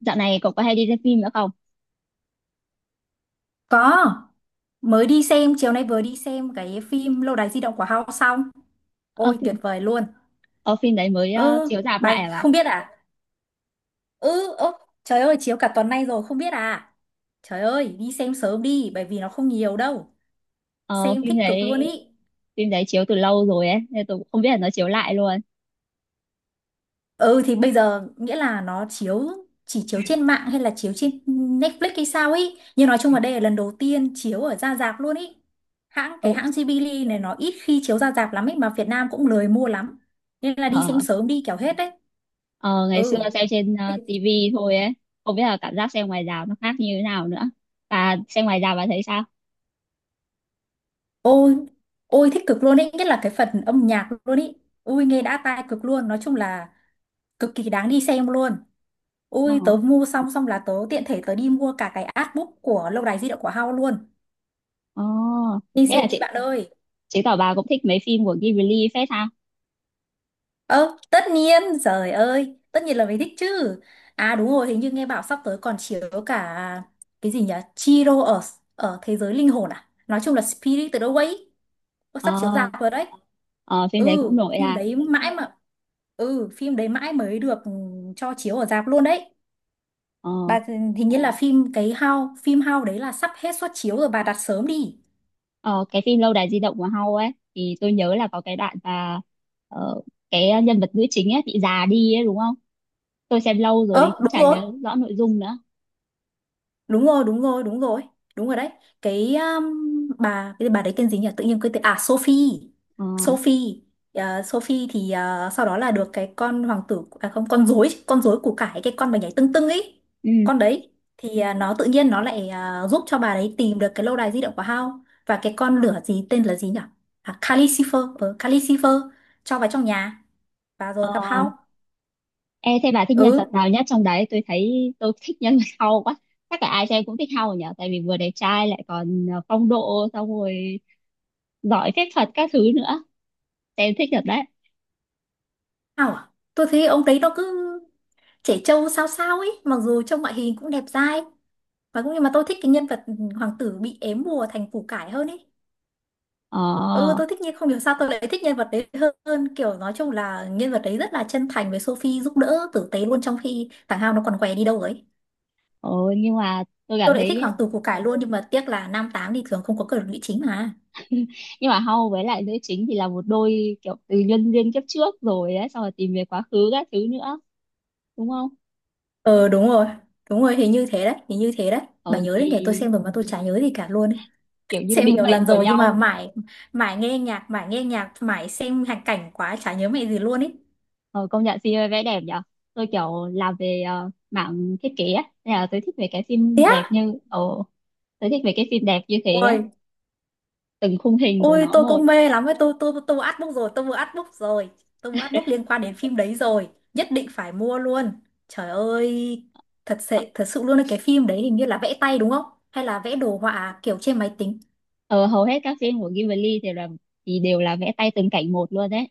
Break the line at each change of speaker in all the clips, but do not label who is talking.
Dạo này cậu có hay đi xem phim nữa không?
Có, mới đi xem, chiều nay vừa đi xem cái phim Lâu đài di động của Hao xong.
Ờ,
Ôi
phim,
tuyệt vời luôn.
ờ, phim đấy mới
Ừ,
chiếu rạp
bài
lại à bạn?
không biết à? Ừ, ơ, trời ơi chiếu cả tuần nay rồi không biết à? Trời ơi, đi xem sớm đi bởi vì nó không nhiều đâu.
Ờ,
Xem
phim
thích cực
đấy
luôn ý.
phim đấy chiếu từ lâu rồi ấy, nên tôi cũng không biết là nó chiếu lại luôn.
Ừ thì bây giờ nghĩa là nó chỉ chiếu trên mạng hay là chiếu trên Netflix hay sao ấy. Nhưng nói chung là đây là lần đầu tiên chiếu ở ra rạp luôn ý.
Ừ,
Hãng Ghibli này nó ít khi chiếu ra rạp lắm ấy mà Việt Nam cũng lười mua lắm. Nên là đi xem
ờ,
sớm đi kẻo hết đấy.
ờ, ngày xưa
Ừ.
xem trên TV thôi ấy, không biết là cảm giác xem ngoài rạp nó khác như thế nào nữa. Và xem ngoài rạp bạn thấy sao?
Ôi, ôi, thích cực luôn ấy, nhất là cái phần âm nhạc luôn ấy. Ui nghe đã tai cực luôn, nói chung là cực kỳ đáng đi xem luôn. Ui tớ
Nó,
mua xong xong là tớ tiện thể tớ đi mua cả cái artbook của Lâu đài di động của Hao luôn.
ờ,
Đi
thế là
xem đi bạn ơi.
chứng tỏ bà cũng thích mấy phim của Ghibli phết ha?
Ơ, tất nhiên, trời ơi, tất nhiên là mình thích chứ. À đúng rồi, hình như nghe bảo sắp tới còn chiếu cả cái gì nhỉ? Chihiro ở ở thế giới linh hồn à? Nói chung là Spirited Away. Ơ, sắp chiếu
Ờ,
rạp rồi đấy.
ờ, phim đấy
Ừ,
cũng nổi
phim
à?
đấy mãi mà phim đấy mãi mới được cho chiếu ở rạp luôn đấy.
Ờ,
Bà hình như là phim How đấy là sắp hết suất chiếu rồi bà đặt sớm đi.
ờ, cái phim Lâu đài di động của hao ấy thì tôi nhớ là có cái đoạn mà ờ, cái nhân vật nữ chính ấy bị già đi ấy đúng không? Tôi xem lâu rồi
Ơ,
cũng
đúng
chả
rồi,
nhớ rõ nội dung nữa.
đúng rồi, đúng rồi, đúng rồi, đúng rồi đấy. Cái bà, bà đấy tên gì nhỉ, tự nhiên quên tên, à Sophie
Ờ,
Sophie Ờ, Sophie thì sau đó là được cái con hoàng tử à không, con rối, của cải cái con mà nhảy tưng tưng ấy,
ừ.
con đấy thì nó tự nhiên nó lại giúp cho bà đấy tìm được cái lâu đài di động của Hao, và cái con lửa gì tên là gì nhỉ, à, Calcifer, cho vào trong nhà và
Ờ,
rồi gặp Hao.
ê, thế bà thích nhân vật
Ừ.
nào nhất trong đấy? Tôi thấy tôi thích nhân vật hao quá. Chắc là ai xem cũng thích hao nhỉ? Tại vì vừa đẹp trai lại còn phong độ xong rồi giỏi phép thuật các thứ nữa. Xem thích thật đấy.
À, tôi thấy ông đấy nó cứ trẻ trâu sao sao ấy, mặc dù trông ngoại hình cũng đẹp dai, và cũng nhưng mà tôi thích cái nhân vật hoàng tử bị ém bùa thành củ cải hơn ấy. Ừ,
Ờ,
tôi thích, nhưng không hiểu sao tôi lại thích nhân vật đấy hơn, kiểu nói chung là nhân vật đấy rất là chân thành với Sophie, giúp đỡ tử tế luôn, trong khi thằng Hao nó còn què đi đâu ấy.
ờ, nhưng mà tôi cảm
Tôi lại
thấy
thích hoàng tử củ cải luôn, nhưng mà tiếc là nam tám thì thường không có cờ lụy chính mà.
nhưng mà Hao với lại nữ chính thì là một đôi kiểu từ nhân duyên kiếp trước rồi ấy xong rồi tìm về quá khứ các thứ nữa đúng không,
Ờ đúng rồi, hình như thế đấy, hình như thế đấy. Bà
ừ
nhớ
thì
đấy nhỉ, tôi xem rồi mà tôi chả nhớ gì cả luôn.
kiểu như
Xem
định
nhiều
mệnh
lần
của
rồi nhưng mà
nhau.
mãi, mãi nghe nhạc, mãi nghe nhạc, mãi xem hành cảnh quá, chả nhớ mẹ gì luôn ý.
Ừ, công nhận phim ấy vẽ đẹp nhở. Tôi kiểu làm về mảng thiết kế á nên là
Thế á?
tôi thích về cái phim đẹp như thế á,
Ôi,
từng khung hình của nó
tôi
một.
cũng mê lắm ấy, tôi mua artbook rồi, tôi mua artbook rồi, tôi mua artbook liên quan đến phim đấy rồi, nhất định phải mua luôn. Trời ơi, thật sự, thật sự luôn ấy, cái phim đấy hình như là vẽ tay đúng không, hay là vẽ đồ họa kiểu trên máy tính.
Ờ, hầu hết các phim của Ghibli thì đều là vẽ tay từng cảnh một luôn đấy,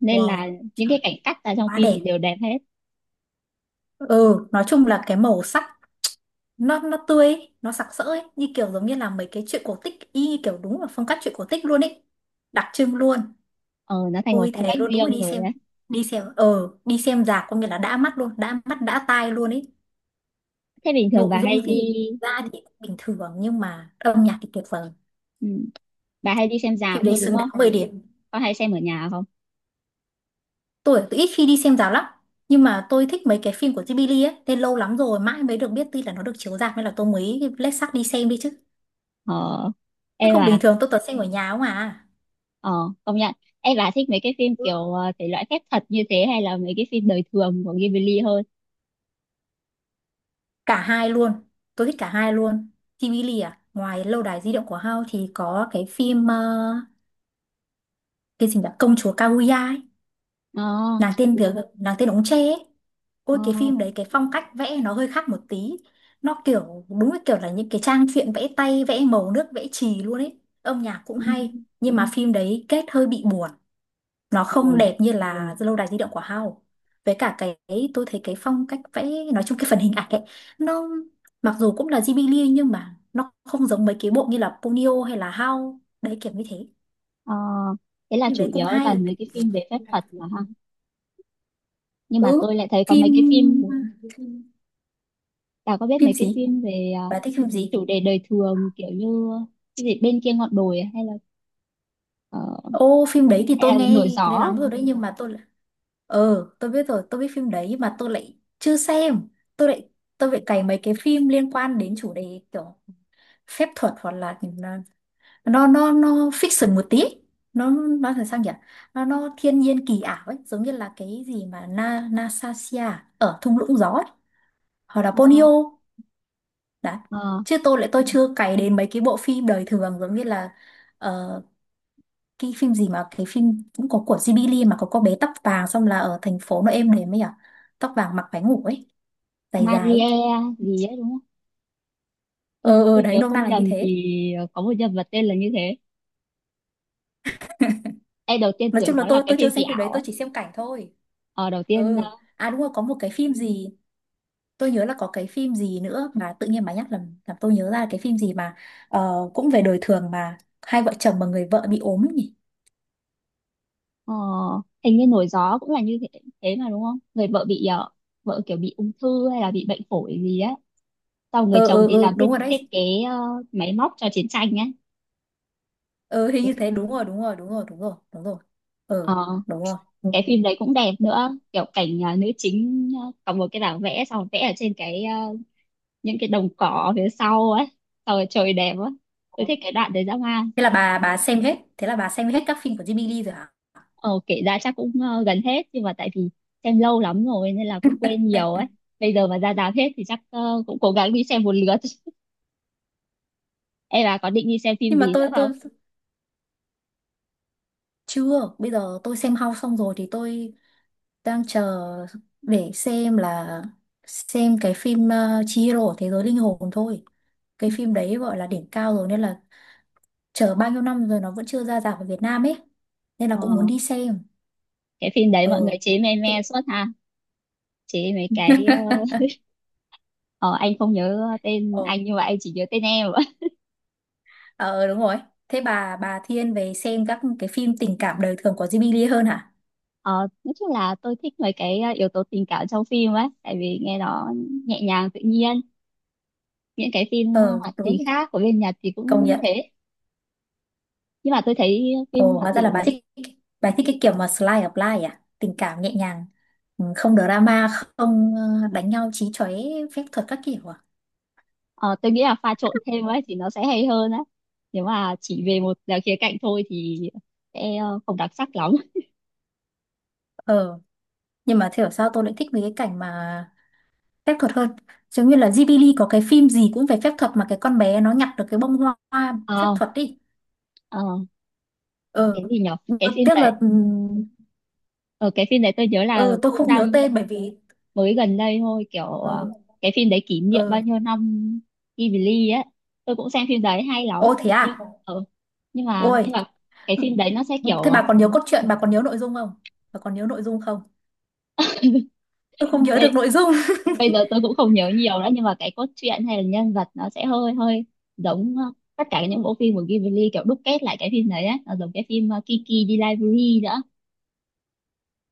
nên là
Wow,
những
trời,
cái cảnh cắt ra trong
quá
phim
đẹp.
thì đều đẹp hết.
Ừ, nói chung là cái màu sắc nó tươi ấy, nó sặc sỡ ấy, như kiểu giống như là mấy cái truyện cổ tích, y như kiểu đúng là phong cách truyện cổ tích luôn ấy, đặc trưng luôn.
Ờ, nó thành một
Ôi
phong
thế
cách
luôn, đúng là
riêng
đi
rồi ấy.
xem, đi xem rạp có nghĩa là đã mắt luôn, đã mắt đã tai luôn ấy.
Thế bình thường
Nội
bà
dung,
hay
Ừ. Ừ.
đi,
Ra thì cũng bình thường nhưng mà âm nhạc thì tuyệt vời.
ừ, bà hay đi xem rạp
Phim đấy
thôi đúng
xứng, Ừ. đáng
không,
10 điểm.
có hay xem ở nhà không?
Tôi ít khi đi xem rạp lắm, nhưng mà tôi thích mấy cái phim của Ghibli ấy, tên lâu lắm rồi mãi mới được biết tuy là nó được chiếu rạp, nên là tôi mới lết xác đi xem đi chứ,
ờ
chứ
em
không bình
à
thường tôi toàn xem ở nhà không à.
ờ công nhận, em bà thích mấy cái phim kiểu thể loại phép thuật như thế hay là mấy cái phim đời thường của Ghibli hơn?
Cả hai luôn, tôi thích cả hai luôn. TV à, ngoài lâu đài di động của Hao thì có cái phim cái gì nhỉ, công chúa Kaguya ấy,
Ờ,
nàng tên việc nàng tên ống tre ấy.
ờ,
Ôi cái phim đấy cái phong cách vẽ nó hơi khác một tí, nó kiểu đúng cái kiểu là những cái trang truyện vẽ tay, vẽ màu nước, vẽ chì luôn ấy, âm nhạc cũng
ừ,
hay. Nhưng mà phim đấy kết hơi bị buồn, nó không
ừ,
đẹp như là lâu đài di động của Hao. Với cả cái, tôi thấy cái phong cách vẽ, nói chung cái phần hình ảnh ấy, nó mặc dù cũng là Ghibli nhưng mà nó không giống mấy cái bộ như là Ponyo hay là Hao đấy, kiểu như thế.
ờ, thế là
Phim
chủ
đấy cũng
yếu
hay.
toàn mấy cái phim về phép thuật mà ha. Nhưng mà
Ừ.
tôi lại thấy có
phim
mấy cái phim, bà có biết
phim
mấy cái
gì,
phim về
bà thích phim gì?
chủ đề đời thường kiểu như cái gì bên kia ngọn đồi à, hay là ờ,
Ô phim đấy thì tôi
hay là
nghe
nổi
cái đấy
gió
lắm rồi đấy nhưng mà ờ tôi biết rồi, tôi biết phim đấy nhưng mà tôi lại chưa xem. tôi lại tôi lại cày mấy cái phim liên quan đến chủ đề kiểu phép thuật hoặc là à, nó fiction một tí, nó nó là sao nhỉ, nó thiên nhiên kỳ ảo ấy, giống như là cái gì mà Nasasia ở thung lũng gió ấy, hoặc là
à?
Ponyo
Ờ,
đấy.
ờ.
Chứ tôi lại, tôi chưa cày đến mấy cái bộ phim đời thường giống như là ờ, cái phim gì mà cái phim cũng có của Ghibli mà có cô bé tóc vàng xong là ở thành phố nó êm đềm ấy à, tóc vàng mặc váy ngủ ấy, dài dài ấy.
Maria gì ấy đúng không? Tôi
Ờ ờ
tôi
đấy,
nhớ
nôm na
không
là như
nhầm thì
thế.
có một nhân vật tên là như thế. Em đầu tiên
Nói
tưởng
chung là
nó là
tôi
cái
tôi chưa
phim kỳ
xem phim đấy,
ảo ấy.
tôi chỉ xem cảnh thôi.
Ờ đầu tiên,
Ừ. À đúng rồi có một cái phim gì, tôi nhớ là có cái phim gì nữa mà tự nhiên bà nhắc làm tôi nhớ ra cái phim gì mà cũng về đời thường mà hai vợ chồng mà người vợ bị ốm ấy nhỉ.
ờ, hình như nổi gió cũng là như thế thế mà đúng không? Người vợ bị vợ kiểu bị ung thư hay là bị bệnh phổi gì á. Sau người
Ờ
chồng
ờ
thì
ờ
làm thiết
đúng rồi đấy.
thiết kế, ờ, máy móc cho chiến tranh ấy.
Ờ hình như thế, đúng rồi, đúng rồi, đúng rồi, đúng rồi, đúng rồi. Ờ
Ờ
đúng rồi.
cái phim đấy cũng đẹp nữa, kiểu cảnh nữ chính có một cái bảng vẽ xong rồi vẽ ở trên cái những cái đồng cỏ phía sau ấy, xong rồi trời đẹp á. Tôi thích cái đoạn đấy dã man.
Thế là bà, xem hết các phim của Jimmy Lee rồi hả?
Ờ, kể ra chắc cũng gần hết nhưng mà tại vì xem lâu lắm rồi nên là cũng quên nhiều ấy. Bây giờ mà ra rạp hết thì chắc cũng cố gắng đi xem một lượt. Em bà có định đi xem phim
Nhưng mà
gì nữa
tôi
không?
chưa, bây giờ tôi xem House xong rồi thì tôi đang chờ để xem là, xem cái phim Chihiro thế giới linh hồn thôi. Cái phim đấy gọi là đỉnh cao rồi nên là, chờ bao nhiêu năm rồi nó vẫn chưa ra rạp ở Việt Nam ấy, nên là cũng muốn
Ờ,
đi xem.
cái phim đấy mọi người
Ờ
chế me me
thế,
suốt ha. Chế mấy cái ờ, anh không nhớ tên
ờ,
anh nhưng mà anh chỉ nhớ tên em.
ờ đúng rồi. Thế bà thiên về xem các cái phim tình cảm đời thường của Jimmy Lee hơn hả?
Ờ, nói chung là tôi thích mấy cái yếu tố tình cảm trong phim ấy tại vì nghe nó nhẹ nhàng tự nhiên. Những cái phim
Ờ
hoạt hình
đúng,
khác của bên Nhật thì
công
cũng
nhận.
thế. Nhưng mà tôi thấy phim
Ồ
hoạt
hóa ra là bà
hình.
thích, bà thích cái kiểu mà slice of life à, tình cảm nhẹ nhàng, ừ, không drama, không đánh nhau chí chóe, phép thuật các kiểu à?
Ờ, tôi nghĩ là pha trộn thêm ấy thì nó sẽ hay hơn á. Nếu mà chỉ về một à, khía cạnh thôi thì sẽ không đặc sắc lắm.
Ờ, nhưng mà thế ở sao tôi lại thích mấy cái cảnh mà phép thuật hơn, giống như là Ghibli có cái phim gì cũng về phép thuật mà cái con bé nó nhặt được cái bông hoa, hoa phép
Ờ,
thuật đi.
ờ,
Ờ.
cái gì nhở?
Ừ.
Cái phim
Tiếc là
đấy, ờ, cái phim đấy tôi nhớ là
ờ tôi
cũng
không
ra
nhớ tên bởi vì
mới gần đây thôi, kiểu
ờ.
cái phim đấy kỷ niệm
Ờ,
bao nhiêu năm Ghibli ấy. Tôi cũng xem phim đấy hay lắm.
ô thế à.
Nhưng nhưng mà
Ôi
nhưng mà cái phim đấy nó sẽ kiểu
thế bà còn nhớ cốt truyện, bà còn nhớ nội dung không, bà còn nhớ nội dung không? Tôi không nhớ được
Đây,
nội dung.
bây giờ tôi cũng không nhớ nhiều nữa nhưng mà cái cốt truyện hay là nhân vật nó sẽ hơi hơi giống tất cả những bộ phim của Ghibli kiểu đúc kết lại cái phim đấy á nó giống cái phim Kiki đi library nữa.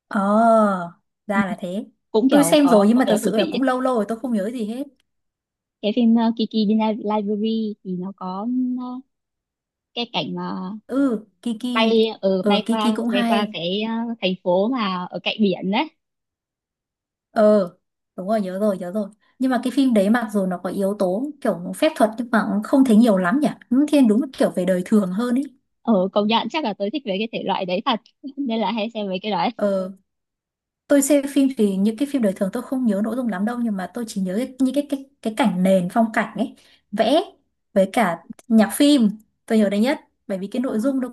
Ờ,
Ừ,
ra là thế.
cũng
Tôi
kiểu
xem rồi
có
nhưng
cô
mà thật
bé phù
sự là
thủy,
cũng lâu lâu rồi tôi không nhớ gì hết.
cái phim Kiki đi library thì nó có ờ, cái cảnh mà
Ừ Kiki, ừ
bay
Kiki
qua
cũng
bay qua
hay.
cái thành phố mà ở cạnh biển đấy,
Ờ đúng rồi, nhớ rồi, nhớ rồi. Nhưng mà cái phim đấy mặc dù nó có yếu tố kiểu phép thuật nhưng mà cũng không thấy nhiều lắm nhỉ, nó thiên đúng là kiểu về đời thường hơn ý.
ở công nhận chắc là tôi thích về cái thể loại đấy thật. Nên là hay xem mấy cái đấy.
Ờ, tôi xem phim thì những cái phim đời thường tôi không nhớ nội dung lắm đâu, nhưng mà tôi chỉ nhớ cái, những cái cái cảnh nền phong cảnh ấy, vẽ, với cả nhạc phim tôi nhớ đấy nhất, bởi vì cái
ờ,
nội dung nó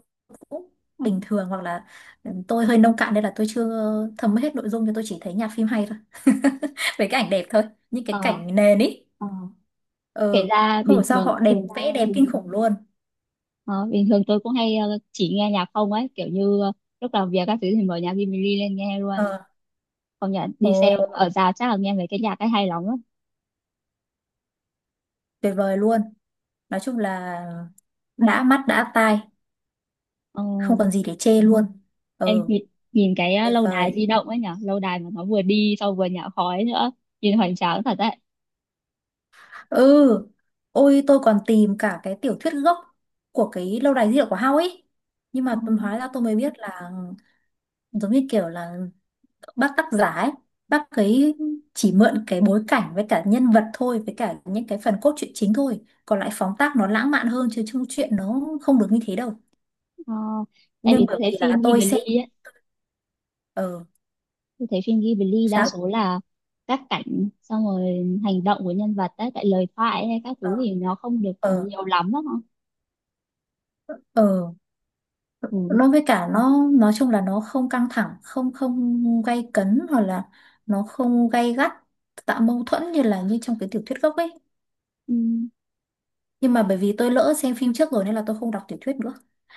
cũng bình thường, hoặc là ừ, tôi hơi nông cạn nên là tôi chưa thấm hết nội dung, nhưng tôi chỉ thấy nhạc phim hay thôi với cái ảnh đẹp thôi, những cái
ờ,
cảnh nền ý.
kể
Ờ,
ra
không
bình
hiểu sao
thường,
họ đẹp, vẽ dáng đẹp kinh khủng luôn.
ờ, bình thường tôi cũng hay chỉ nghe nhạc không ấy kiểu như lúc làm việc các thứ thì mở nhạc Jimmy lên nghe luôn,
Ờ,
không nhận đi xem
ồ
ở già chắc là nghe mấy cái nhạc ấy hay lắm á.
tuyệt vời luôn, nói chung là đã mắt đã tai,
ờ,
không còn gì để chê luôn.
em
Ờ
nhìn, nhìn cái
tuyệt
lâu đài
vời.
di động ấy nhở, lâu đài mà nó vừa đi sau vừa nhả khói nữa, nhìn hoành tráng thật đấy.
Ừ. Ừ. Ôi tôi còn tìm cả cái tiểu thuyết gốc của cái lâu đài di động của Hao ấy, nhưng
ờ,
mà tôi, hóa ra tôi mới biết là giống như kiểu là bác tác giả ấy, bác ấy chỉ mượn cái bối cảnh với cả nhân vật thôi, với cả những cái phần cốt truyện chính thôi, còn lại phóng tác nó lãng mạn hơn chứ chung chuyện nó không được như thế đâu.
ờ, tại
Nhưng
vì tôi
bởi vì
thấy
là
phim
tôi xem.
Ghibli ấy,
Ờ,
tôi thấy phim Ghibli đa
sao,
số là các cảnh xong rồi hành động của nhân vật đấy tại lời thoại hay các
ờ
thứ thì nó không được
ờ
nhiều lắm đó.
ờ,
Ừ.
nó với cả nó nói chung là nó không căng thẳng, không, không gay cấn, hoặc là nó không gay gắt, tạo mâu thuẫn như là như trong cái tiểu thuyết gốc ấy.
Ừ.
Nhưng mà bởi vì tôi lỡ xem phim trước rồi nên là tôi không đọc tiểu thuyết nữa,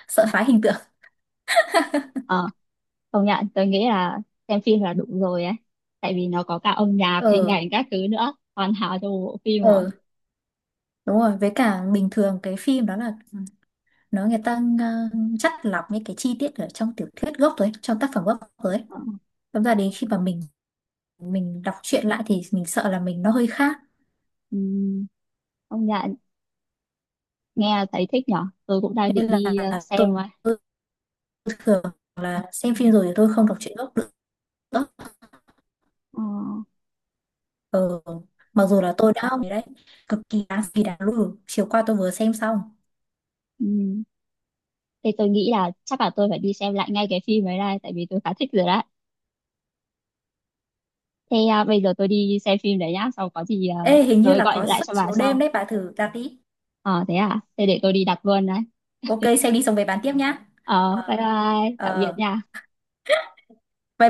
sợ phá hình tượng.
Ờ, công nhận, tôi nghĩ là xem phim là đủ rồi ấy. Tại vì nó có cả âm nhạc, hình
Ờ,
ảnh các thứ nữa. Hoàn hảo cho một bộ phim rồi.
ờ đúng rồi, với cả bình thường cái phim đó là ừ, nó người ta chắt lọc những cái chi tiết ở trong tiểu thuyết gốc rồi ấy, trong tác phẩm gốc rồi ấy.
Ờ,
Thật ra đến khi mà mình đọc truyện lại thì mình sợ là mình, nó hơi khác
ừm, công nhận, nghe thấy thích nhở. Tôi cũng đang
nên
định
là
đi
tôi,
xem rồi.
tôi thường là xem phim rồi thì tôi không đọc truyện gốc nữa.
Ờ,
Ừ. Mặc dù là tôi đã học đấy, cực kỳ đáng, kỳ đáng lùi, chiều qua tôi vừa xem xong.
ừm. Thế tôi nghĩ là chắc là tôi phải đi xem lại ngay cái phim ấy này. Tại vì tôi khá thích rồi đấy. Thế à, bây giờ tôi đi xem phim đấy nhá. Sau có gì
Ê hình như
rồi
là
gọi
có
lại
suất
cho bà
chiếu đêm
sau.
đấy, bà thử đặt đi.
Ờ, thế à? Thế để tôi đi đặt luôn đấy.
OK xem đi xong về bàn tiếp nhá.
Ờ, bye bye. Tạm biệt
Ờ
nha.
vậy.